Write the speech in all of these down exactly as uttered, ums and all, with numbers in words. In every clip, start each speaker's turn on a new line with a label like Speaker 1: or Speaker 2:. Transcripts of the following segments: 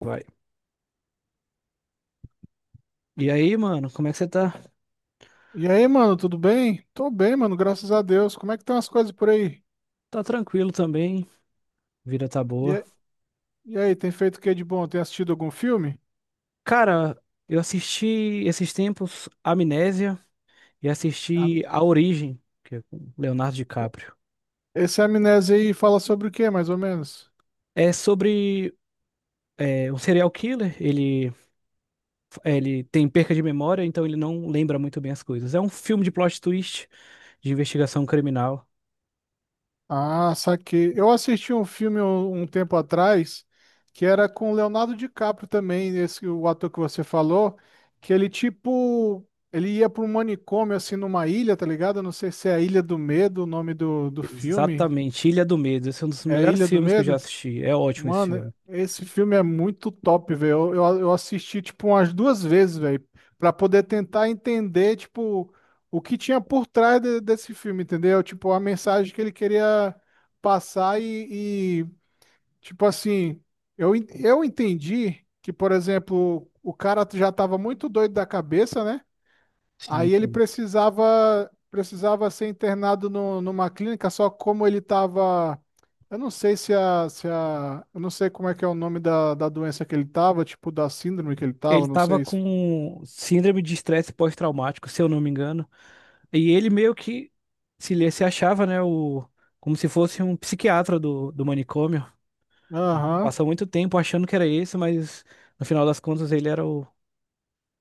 Speaker 1: Vai. E aí, mano, como é que você tá?
Speaker 2: E aí, mano, tudo bem? Tô bem, mano, graças a Deus. Como é que estão as coisas por aí?
Speaker 1: Tá tranquilo também, vida tá
Speaker 2: E,
Speaker 1: boa.
Speaker 2: a- e aí, tem feito o que de bom? Tem assistido algum filme?
Speaker 1: Cara, eu assisti esses tempos Amnésia e
Speaker 2: A-
Speaker 1: assisti A Origem, que é com Leonardo DiCaprio.
Speaker 2: Esse Amnésia aí fala sobre o que, mais ou menos?
Speaker 1: É sobre é, um serial killer, ele, ele tem perca de memória, então ele não lembra muito bem as coisas. É um filme de plot twist, de investigação criminal.
Speaker 2: Ah, saquei. Eu assisti um filme um, um tempo atrás que era com o Leonardo DiCaprio também, esse o ator que você falou, que ele tipo, ele ia para um manicômio assim numa ilha, tá ligado? Eu não sei se é a Ilha do Medo, o nome do, do filme.
Speaker 1: Exatamente, Ilha do Medo. Esse é um dos
Speaker 2: É
Speaker 1: melhores
Speaker 2: Ilha do
Speaker 1: filmes que eu já
Speaker 2: Medo?
Speaker 1: assisti. É ótimo esse
Speaker 2: Mano,
Speaker 1: filme.
Speaker 2: esse filme é muito top, velho. Eu, eu, eu assisti, tipo, umas duas vezes, velho, pra poder tentar entender, tipo, o que tinha por trás de- desse filme, entendeu? Tipo, a mensagem que ele queria passar e, e, tipo assim, eu, en- eu entendi que, por exemplo, o cara já tava muito doido da cabeça, né?
Speaker 1: Sim,
Speaker 2: Aí ele
Speaker 1: sim.
Speaker 2: precisava precisava ser internado no- numa clínica, só como ele estava. Eu não sei se a, se a. Eu não sei como é que é o nome da, da doença que ele estava, tipo da síndrome que ele
Speaker 1: Ele
Speaker 2: estava, não
Speaker 1: tava
Speaker 2: sei se.
Speaker 1: com síndrome de estresse pós-traumático, se eu não me engano. E ele meio que se, ele se achava, né, o, como se fosse um psiquiatra do, do manicômio. Ele
Speaker 2: Aham.
Speaker 1: passou muito tempo achando que era esse, mas no final das contas ele era o,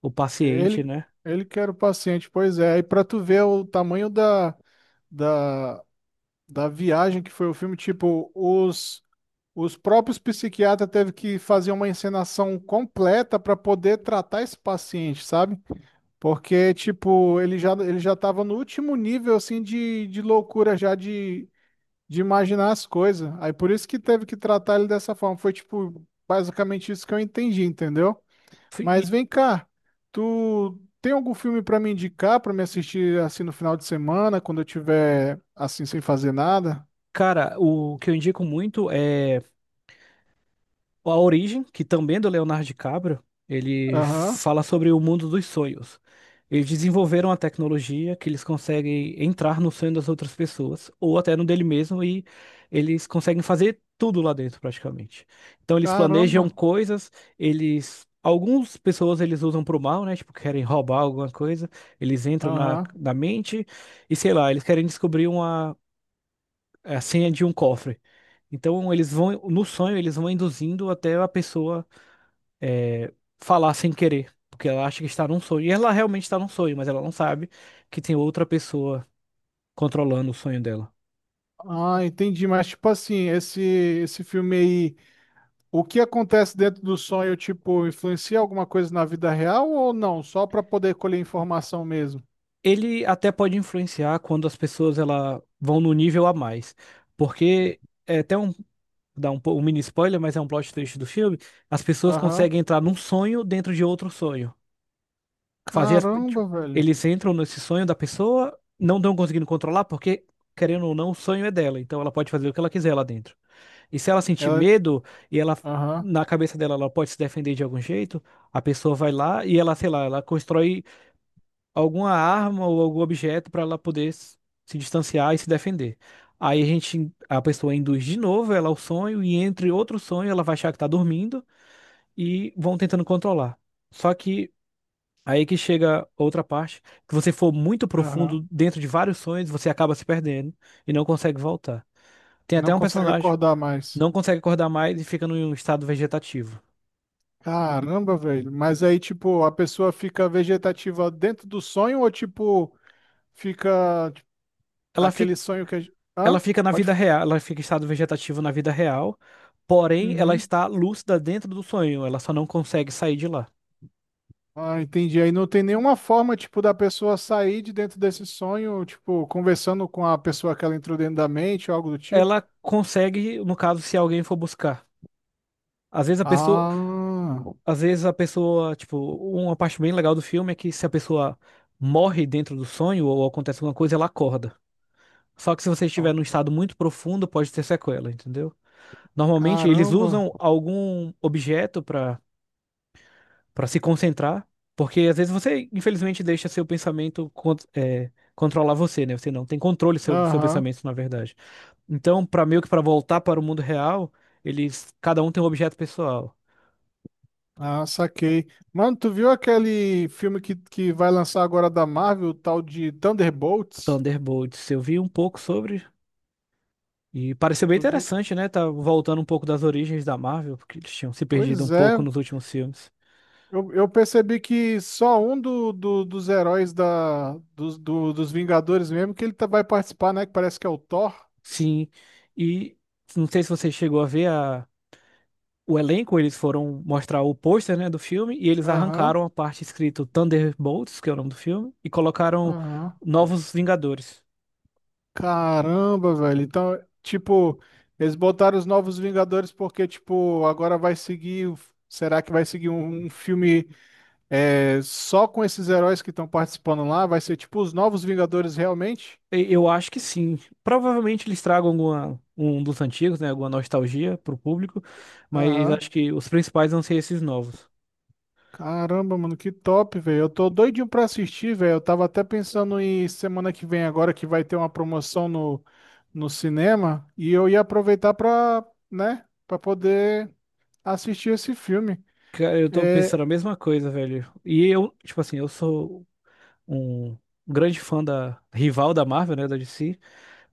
Speaker 1: o paciente,
Speaker 2: Ele,
Speaker 1: né?
Speaker 2: ele que era o paciente, pois é. E para tu ver o tamanho da, da, da viagem que foi o filme, tipo, os, os próprios psiquiatras teve que fazer uma encenação completa para poder tratar esse paciente, sabe? Porque, tipo, ele já, ele já tava no último nível, assim, de, de loucura já de, de imaginar as coisas. Aí por isso que teve que tratar ele dessa forma. Foi, tipo, basicamente isso que eu entendi, entendeu?
Speaker 1: Fui-
Speaker 2: Mas
Speaker 1: E,
Speaker 2: vem cá, tu tem algum filme pra me indicar, pra me assistir, assim, no final de semana, quando eu tiver, assim, sem fazer nada?
Speaker 1: cara, o que eu indico muito é A Origem, que também é do Leonardo DiCaprio, ele
Speaker 2: Aham.
Speaker 1: fala sobre o mundo dos sonhos. Eles desenvolveram a tecnologia que eles conseguem entrar no sonho das outras pessoas, ou até no dele mesmo, e eles conseguem fazer tudo lá dentro, praticamente. Então eles planejam
Speaker 2: Caramba,
Speaker 1: coisas, eles. Algumas pessoas eles usam pro mal, né? Tipo, querem roubar alguma coisa, eles entram na,
Speaker 2: aham.
Speaker 1: na mente e sei lá, eles querem descobrir uma, a senha de um cofre. Então eles vão, no sonho, eles vão induzindo até a pessoa é, falar sem querer, porque ela acha que está num sonho. E ela realmente está num sonho, mas ela não sabe que tem outra pessoa controlando o sonho dela.
Speaker 2: Ah, entendi, mas, tipo assim, esse, esse filme aí... O que acontece dentro do sonho, tipo, influencia alguma coisa na vida real ou não? Só para poder colher informação mesmo.
Speaker 1: Ele até pode influenciar quando as pessoas ela vão no nível a mais, porque é até um, dá um, po- um mini spoiler, mas é um plot twist do filme, as pessoas
Speaker 2: Aham.
Speaker 1: conseguem entrar num sonho dentro de outro sonho. Fazer as, tipo,
Speaker 2: Caramba, velho.
Speaker 1: eles entram nesse sonho da pessoa, não estão conseguindo controlar, porque, querendo ou não, o sonho é dela. Então ela pode fazer o que ela quiser lá dentro. E se ela sentir
Speaker 2: Ela.
Speaker 1: medo e ela.
Speaker 2: Aham.
Speaker 1: Na cabeça dela, ela pode se defender de algum jeito. A pessoa vai lá e ela, sei lá, ela constrói alguma arma ou algum objeto para ela poder s- se distanciar e se defender. Aí a gente, a pessoa induz de novo ela ao sonho e entre outro sonho ela vai achar que tá dormindo e vão tentando controlar. Só que aí que chega outra parte, que você for muito
Speaker 2: Aham.
Speaker 1: profundo dentro de vários sonhos, você acaba se perdendo e não consegue voltar. Tem
Speaker 2: Não
Speaker 1: até um
Speaker 2: consegue
Speaker 1: personagem
Speaker 2: acordar
Speaker 1: que
Speaker 2: mais.
Speaker 1: não consegue acordar mais e fica num estado vegetativo.
Speaker 2: Caramba, velho. Mas aí, tipo, a pessoa fica vegetativa dentro do sonho ou, tipo, fica tipo,
Speaker 1: Ela
Speaker 2: aquele
Speaker 1: fica,
Speaker 2: sonho que a gente. Hã?
Speaker 1: ela fica na
Speaker 2: Pode.
Speaker 1: vida real, ela fica em estado vegetativo na vida real, porém ela
Speaker 2: Uhum.
Speaker 1: está lúcida dentro do sonho, ela só não consegue sair de lá.
Speaker 2: Ah, entendi. Aí não tem nenhuma forma, tipo, da pessoa sair de dentro desse sonho, tipo, conversando com a pessoa que ela entrou dentro da mente, algo do tipo.
Speaker 1: Ela consegue, no caso, se alguém for buscar. Às vezes a pessoa,
Speaker 2: Ah,
Speaker 1: às vezes a pessoa, tipo, uma parte bem legal do filme é que se a pessoa morre dentro do sonho ou acontece alguma coisa, ela acorda. Só que se você estiver num estado muito profundo, pode ter sequela, entendeu? Normalmente eles
Speaker 2: caramba.
Speaker 1: usam algum objeto para para se concentrar, porque às vezes você, infelizmente, deixa seu pensamento con- é, controlar você, né? Você não tem controle sobre seu
Speaker 2: Aham.
Speaker 1: pensamento, na verdade. Então, para meio que para voltar para o mundo real, eles cada um tem um objeto pessoal.
Speaker 2: Ah, saquei. Mano, tu viu aquele filme que, que vai lançar agora da Marvel, o tal de Thunderbolts?
Speaker 1: Thunderbolts, eu vi um pouco sobre e pareceu bem
Speaker 2: Tu viu?
Speaker 1: interessante, né? Tá voltando um pouco das origens da Marvel, porque eles tinham se perdido um
Speaker 2: Pois é.
Speaker 1: pouco nos últimos filmes.
Speaker 2: Eu, eu percebi que só um do, do- dos heróis da, dos, do- dos Vingadores mesmo que ele tá- vai participar, né? Que parece que é o Thor.
Speaker 1: Sim. E não sei se você chegou a ver a, o elenco, eles foram mostrar o pôster, né, do filme e eles
Speaker 2: Aham.
Speaker 1: arrancaram a parte escrito Thunderbolts, que é o nome do filme, e colocaram
Speaker 2: Aham.
Speaker 1: Novos Vingadores.
Speaker 2: Caramba, velho. Então, tipo, eles botaram os Novos Vingadores porque, tipo, agora vai seguir. o- Será que vai seguir um, um filme é, só com esses heróis que estão participando lá? Vai ser tipo os Novos Vingadores realmente?
Speaker 1: E- Eu acho que sim. Provavelmente eles tragam alguma, um dos antigos, né, alguma nostalgia pro público, mas
Speaker 2: Aham.
Speaker 1: acho que os principais vão ser esses novos.
Speaker 2: Caramba, mano, que top, velho. Eu tô doidinho pra assistir, velho. Eu tava até pensando em semana que vem agora que vai ter uma promoção no, no cinema e eu ia aproveitar pra, né, pra poder assistir esse filme.
Speaker 1: Cara, eu tô
Speaker 2: É,
Speaker 1: pensando a mesma coisa, velho. E eu, tipo assim, eu sou um grande fã da rival da Marvel, né, da D C.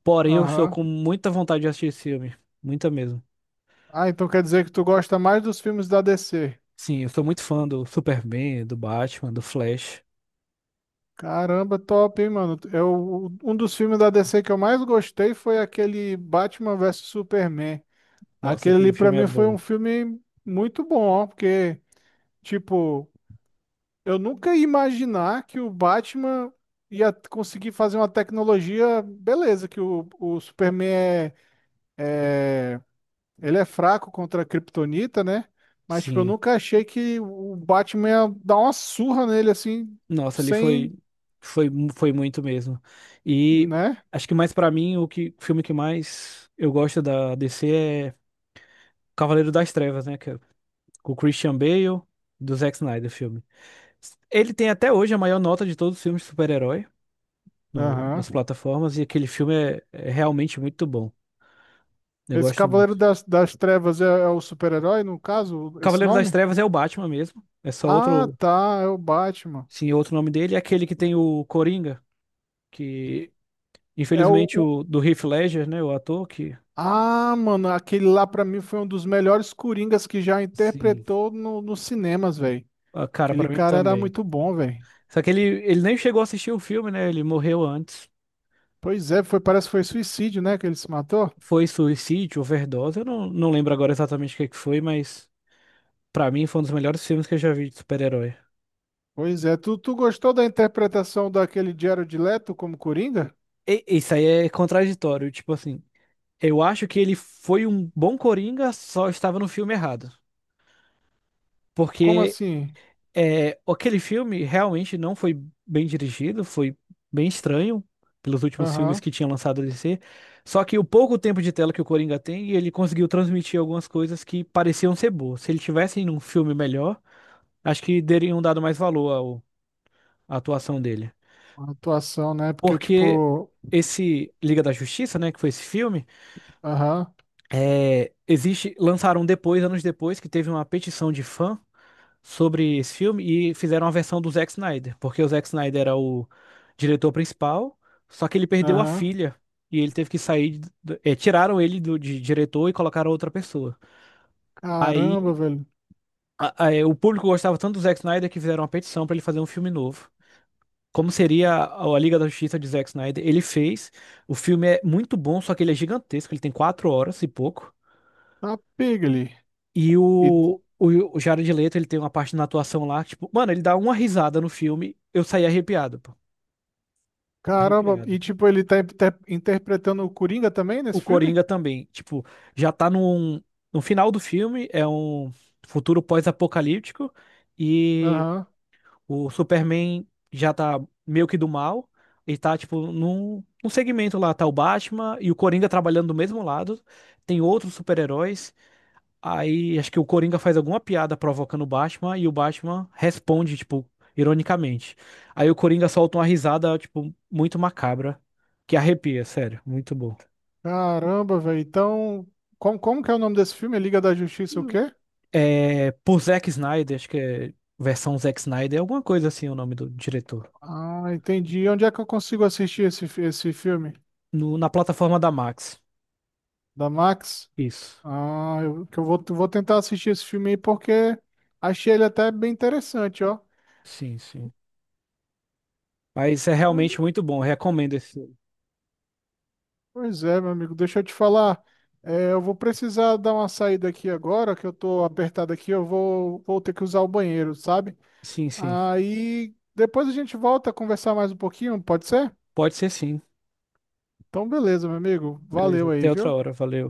Speaker 1: Porém, eu estou
Speaker 2: aham.
Speaker 1: com muita vontade de assistir esse filme. Muita mesmo.
Speaker 2: Ah, então quer dizer que tu gosta mais dos filmes da D C.
Speaker 1: Sim, eu sou muito fã do Superman, do Batman, do Flash.
Speaker 2: Caramba, top, hein, mano? Eu, um dos filmes da D C que eu mais gostei foi aquele Batman versus Superman.
Speaker 1: Nossa,
Speaker 2: Aquele
Speaker 1: aquele
Speaker 2: ali pra
Speaker 1: filme é
Speaker 2: mim foi um
Speaker 1: bom.
Speaker 2: filme muito bom, ó, porque, tipo, eu nunca ia imaginar que o Batman ia conseguir fazer uma tecnologia, beleza, que o, o Superman é, é Ele é fraco contra a Kryptonita, né? Mas, tipo, eu
Speaker 1: Sim.
Speaker 2: nunca achei que o Batman ia dar uma surra nele, assim,
Speaker 1: Nossa, ali
Speaker 2: sem,
Speaker 1: foi foi mu- foi muito mesmo. E
Speaker 2: né?
Speaker 1: acho que mais pra mim o que o filme que mais eu gosto da D C é Cavaleiro das Trevas, né, que é com o Christian Bale, do Zack Snyder o filme. Ele tem até hoje a maior nota de todos os filmes de super-herói no-
Speaker 2: Aham.
Speaker 1: nas plataformas e aquele filme é é realmente muito bom. Eu
Speaker 2: Esse
Speaker 1: gosto
Speaker 2: Cavaleiro
Speaker 1: muito.
Speaker 2: das, das Trevas é, é o super-herói, no caso, esse
Speaker 1: Cavaleiro das
Speaker 2: nome?
Speaker 1: Trevas é o Batman mesmo. É só
Speaker 2: Ah,
Speaker 1: outro,
Speaker 2: tá, é o Batman.
Speaker 1: sim, outro nome dele. É aquele que tem o Coringa, que
Speaker 2: É o,
Speaker 1: infelizmente
Speaker 2: o-
Speaker 1: o do Heath Ledger, né, o ator que,
Speaker 2: Ah, mano, aquele lá pra mim foi um dos melhores Coringas que já
Speaker 1: sim,
Speaker 2: interpretou no, nos cinemas, velho.
Speaker 1: a cara
Speaker 2: Aquele
Speaker 1: pra mim
Speaker 2: cara era
Speaker 1: também.
Speaker 2: muito bom, velho.
Speaker 1: Só que ele, ele nem chegou a assistir o filme, né? Ele morreu antes.
Speaker 2: Pois é, foi, parece que foi suicídio, né, que ele se matou?
Speaker 1: Foi suicídio, overdose. Eu não, não lembro agora exatamente o que é que foi, mas pra mim foi um dos melhores filmes que eu já vi de super-herói.
Speaker 2: Pois é, tu, tu gostou da interpretação daquele Jared Leto como Coringa?
Speaker 1: E- Isso aí é contraditório, tipo assim, eu acho que ele foi um bom Coringa, só estava no filme errado.
Speaker 2: Como
Speaker 1: Porque
Speaker 2: assim?
Speaker 1: É, aquele filme realmente não foi bem dirigido, foi bem estranho pelos últimos filmes
Speaker 2: Aham.
Speaker 1: que tinha lançado a D C. Só que o pouco tempo de tela que o Coringa tem, ele conseguiu transmitir algumas coisas que pareciam ser boas. Se ele tivesse em um filme melhor, acho que teriam dado mais valor ao- à atuação dele.
Speaker 2: A atuação, né? Porque,
Speaker 1: Porque
Speaker 2: tipo,
Speaker 1: esse Liga da Justiça, né, que foi esse filme,
Speaker 2: aham,
Speaker 1: é, existe, lançaram depois, anos depois, que teve uma petição de fã sobre esse filme e fizeram uma versão do Zack Snyder, porque o Zack Snyder era o diretor principal, só que ele perdeu a
Speaker 2: aham,
Speaker 1: filha e ele teve que sair, do- eh, tiraram ele do, de diretor e colocaram outra pessoa.
Speaker 2: caramba,
Speaker 1: Aí
Speaker 2: velho,
Speaker 1: a- a- eh, o público gostava tanto do Zack Snyder que fizeram uma petição para ele fazer um filme novo. Como seria a a Liga da Justiça de Zack Snyder? Ele fez. O filme é muito bom, só que ele é gigantesco. Ele tem quatro horas e pouco.
Speaker 2: tá pega ali.
Speaker 1: E o,
Speaker 2: E,
Speaker 1: o, o Jared Leto, ele tem uma parte na atuação lá, tipo, mano, ele dá uma risada no filme, eu saí arrepiado.
Speaker 2: caramba, e,
Speaker 1: Arrepiado.
Speaker 2: tipo, ele tá inter- interpretando o Coringa também
Speaker 1: O
Speaker 2: nesse filme?
Speaker 1: Coringa também, tipo, já tá num, no final do filme, é um futuro pós-apocalíptico e
Speaker 2: Aham.
Speaker 1: o Superman já tá meio que do mal e tá, tipo, num, num segmento lá, tá o Batman e o Coringa trabalhando do mesmo lado, tem outros super-heróis, aí acho que o Coringa faz alguma piada provocando o Batman e o Batman responde, tipo, ironicamente. Aí o Coringa solta uma risada, tipo, muito macabra, que arrepia, sério, muito bom.
Speaker 2: Caramba, velho, então, como, como que é o nome desse filme? Liga da Justiça o quê?
Speaker 1: É, por Zack Snyder, acho que é versão Zack Snyder, é alguma coisa assim o nome do diretor.
Speaker 2: Ah, entendi. Onde é que eu consigo assistir esse, fi- esse filme?
Speaker 1: No- na plataforma da Max.
Speaker 2: Da Max?
Speaker 1: Isso.
Speaker 2: Ah, eu, que eu vou, vou tentar assistir esse filme aí porque achei ele até bem interessante, ó.
Speaker 1: Sim, sim. Mas é realmente
Speaker 2: Pois
Speaker 1: muito bom, recomendo esse filme.
Speaker 2: pois é, meu amigo, deixa eu te falar. É, eu vou precisar dar uma saída aqui agora, que eu tô apertado aqui, eu vou, vou ter que usar o banheiro, sabe?
Speaker 1: Sim, sim.
Speaker 2: Aí depois a gente volta a conversar mais um pouquinho, pode ser?
Speaker 1: Pode ser sim.
Speaker 2: Então, beleza, meu amigo.
Speaker 1: Beleza,
Speaker 2: Valeu aí,
Speaker 1: até outra
Speaker 2: viu?
Speaker 1: hora, valeu.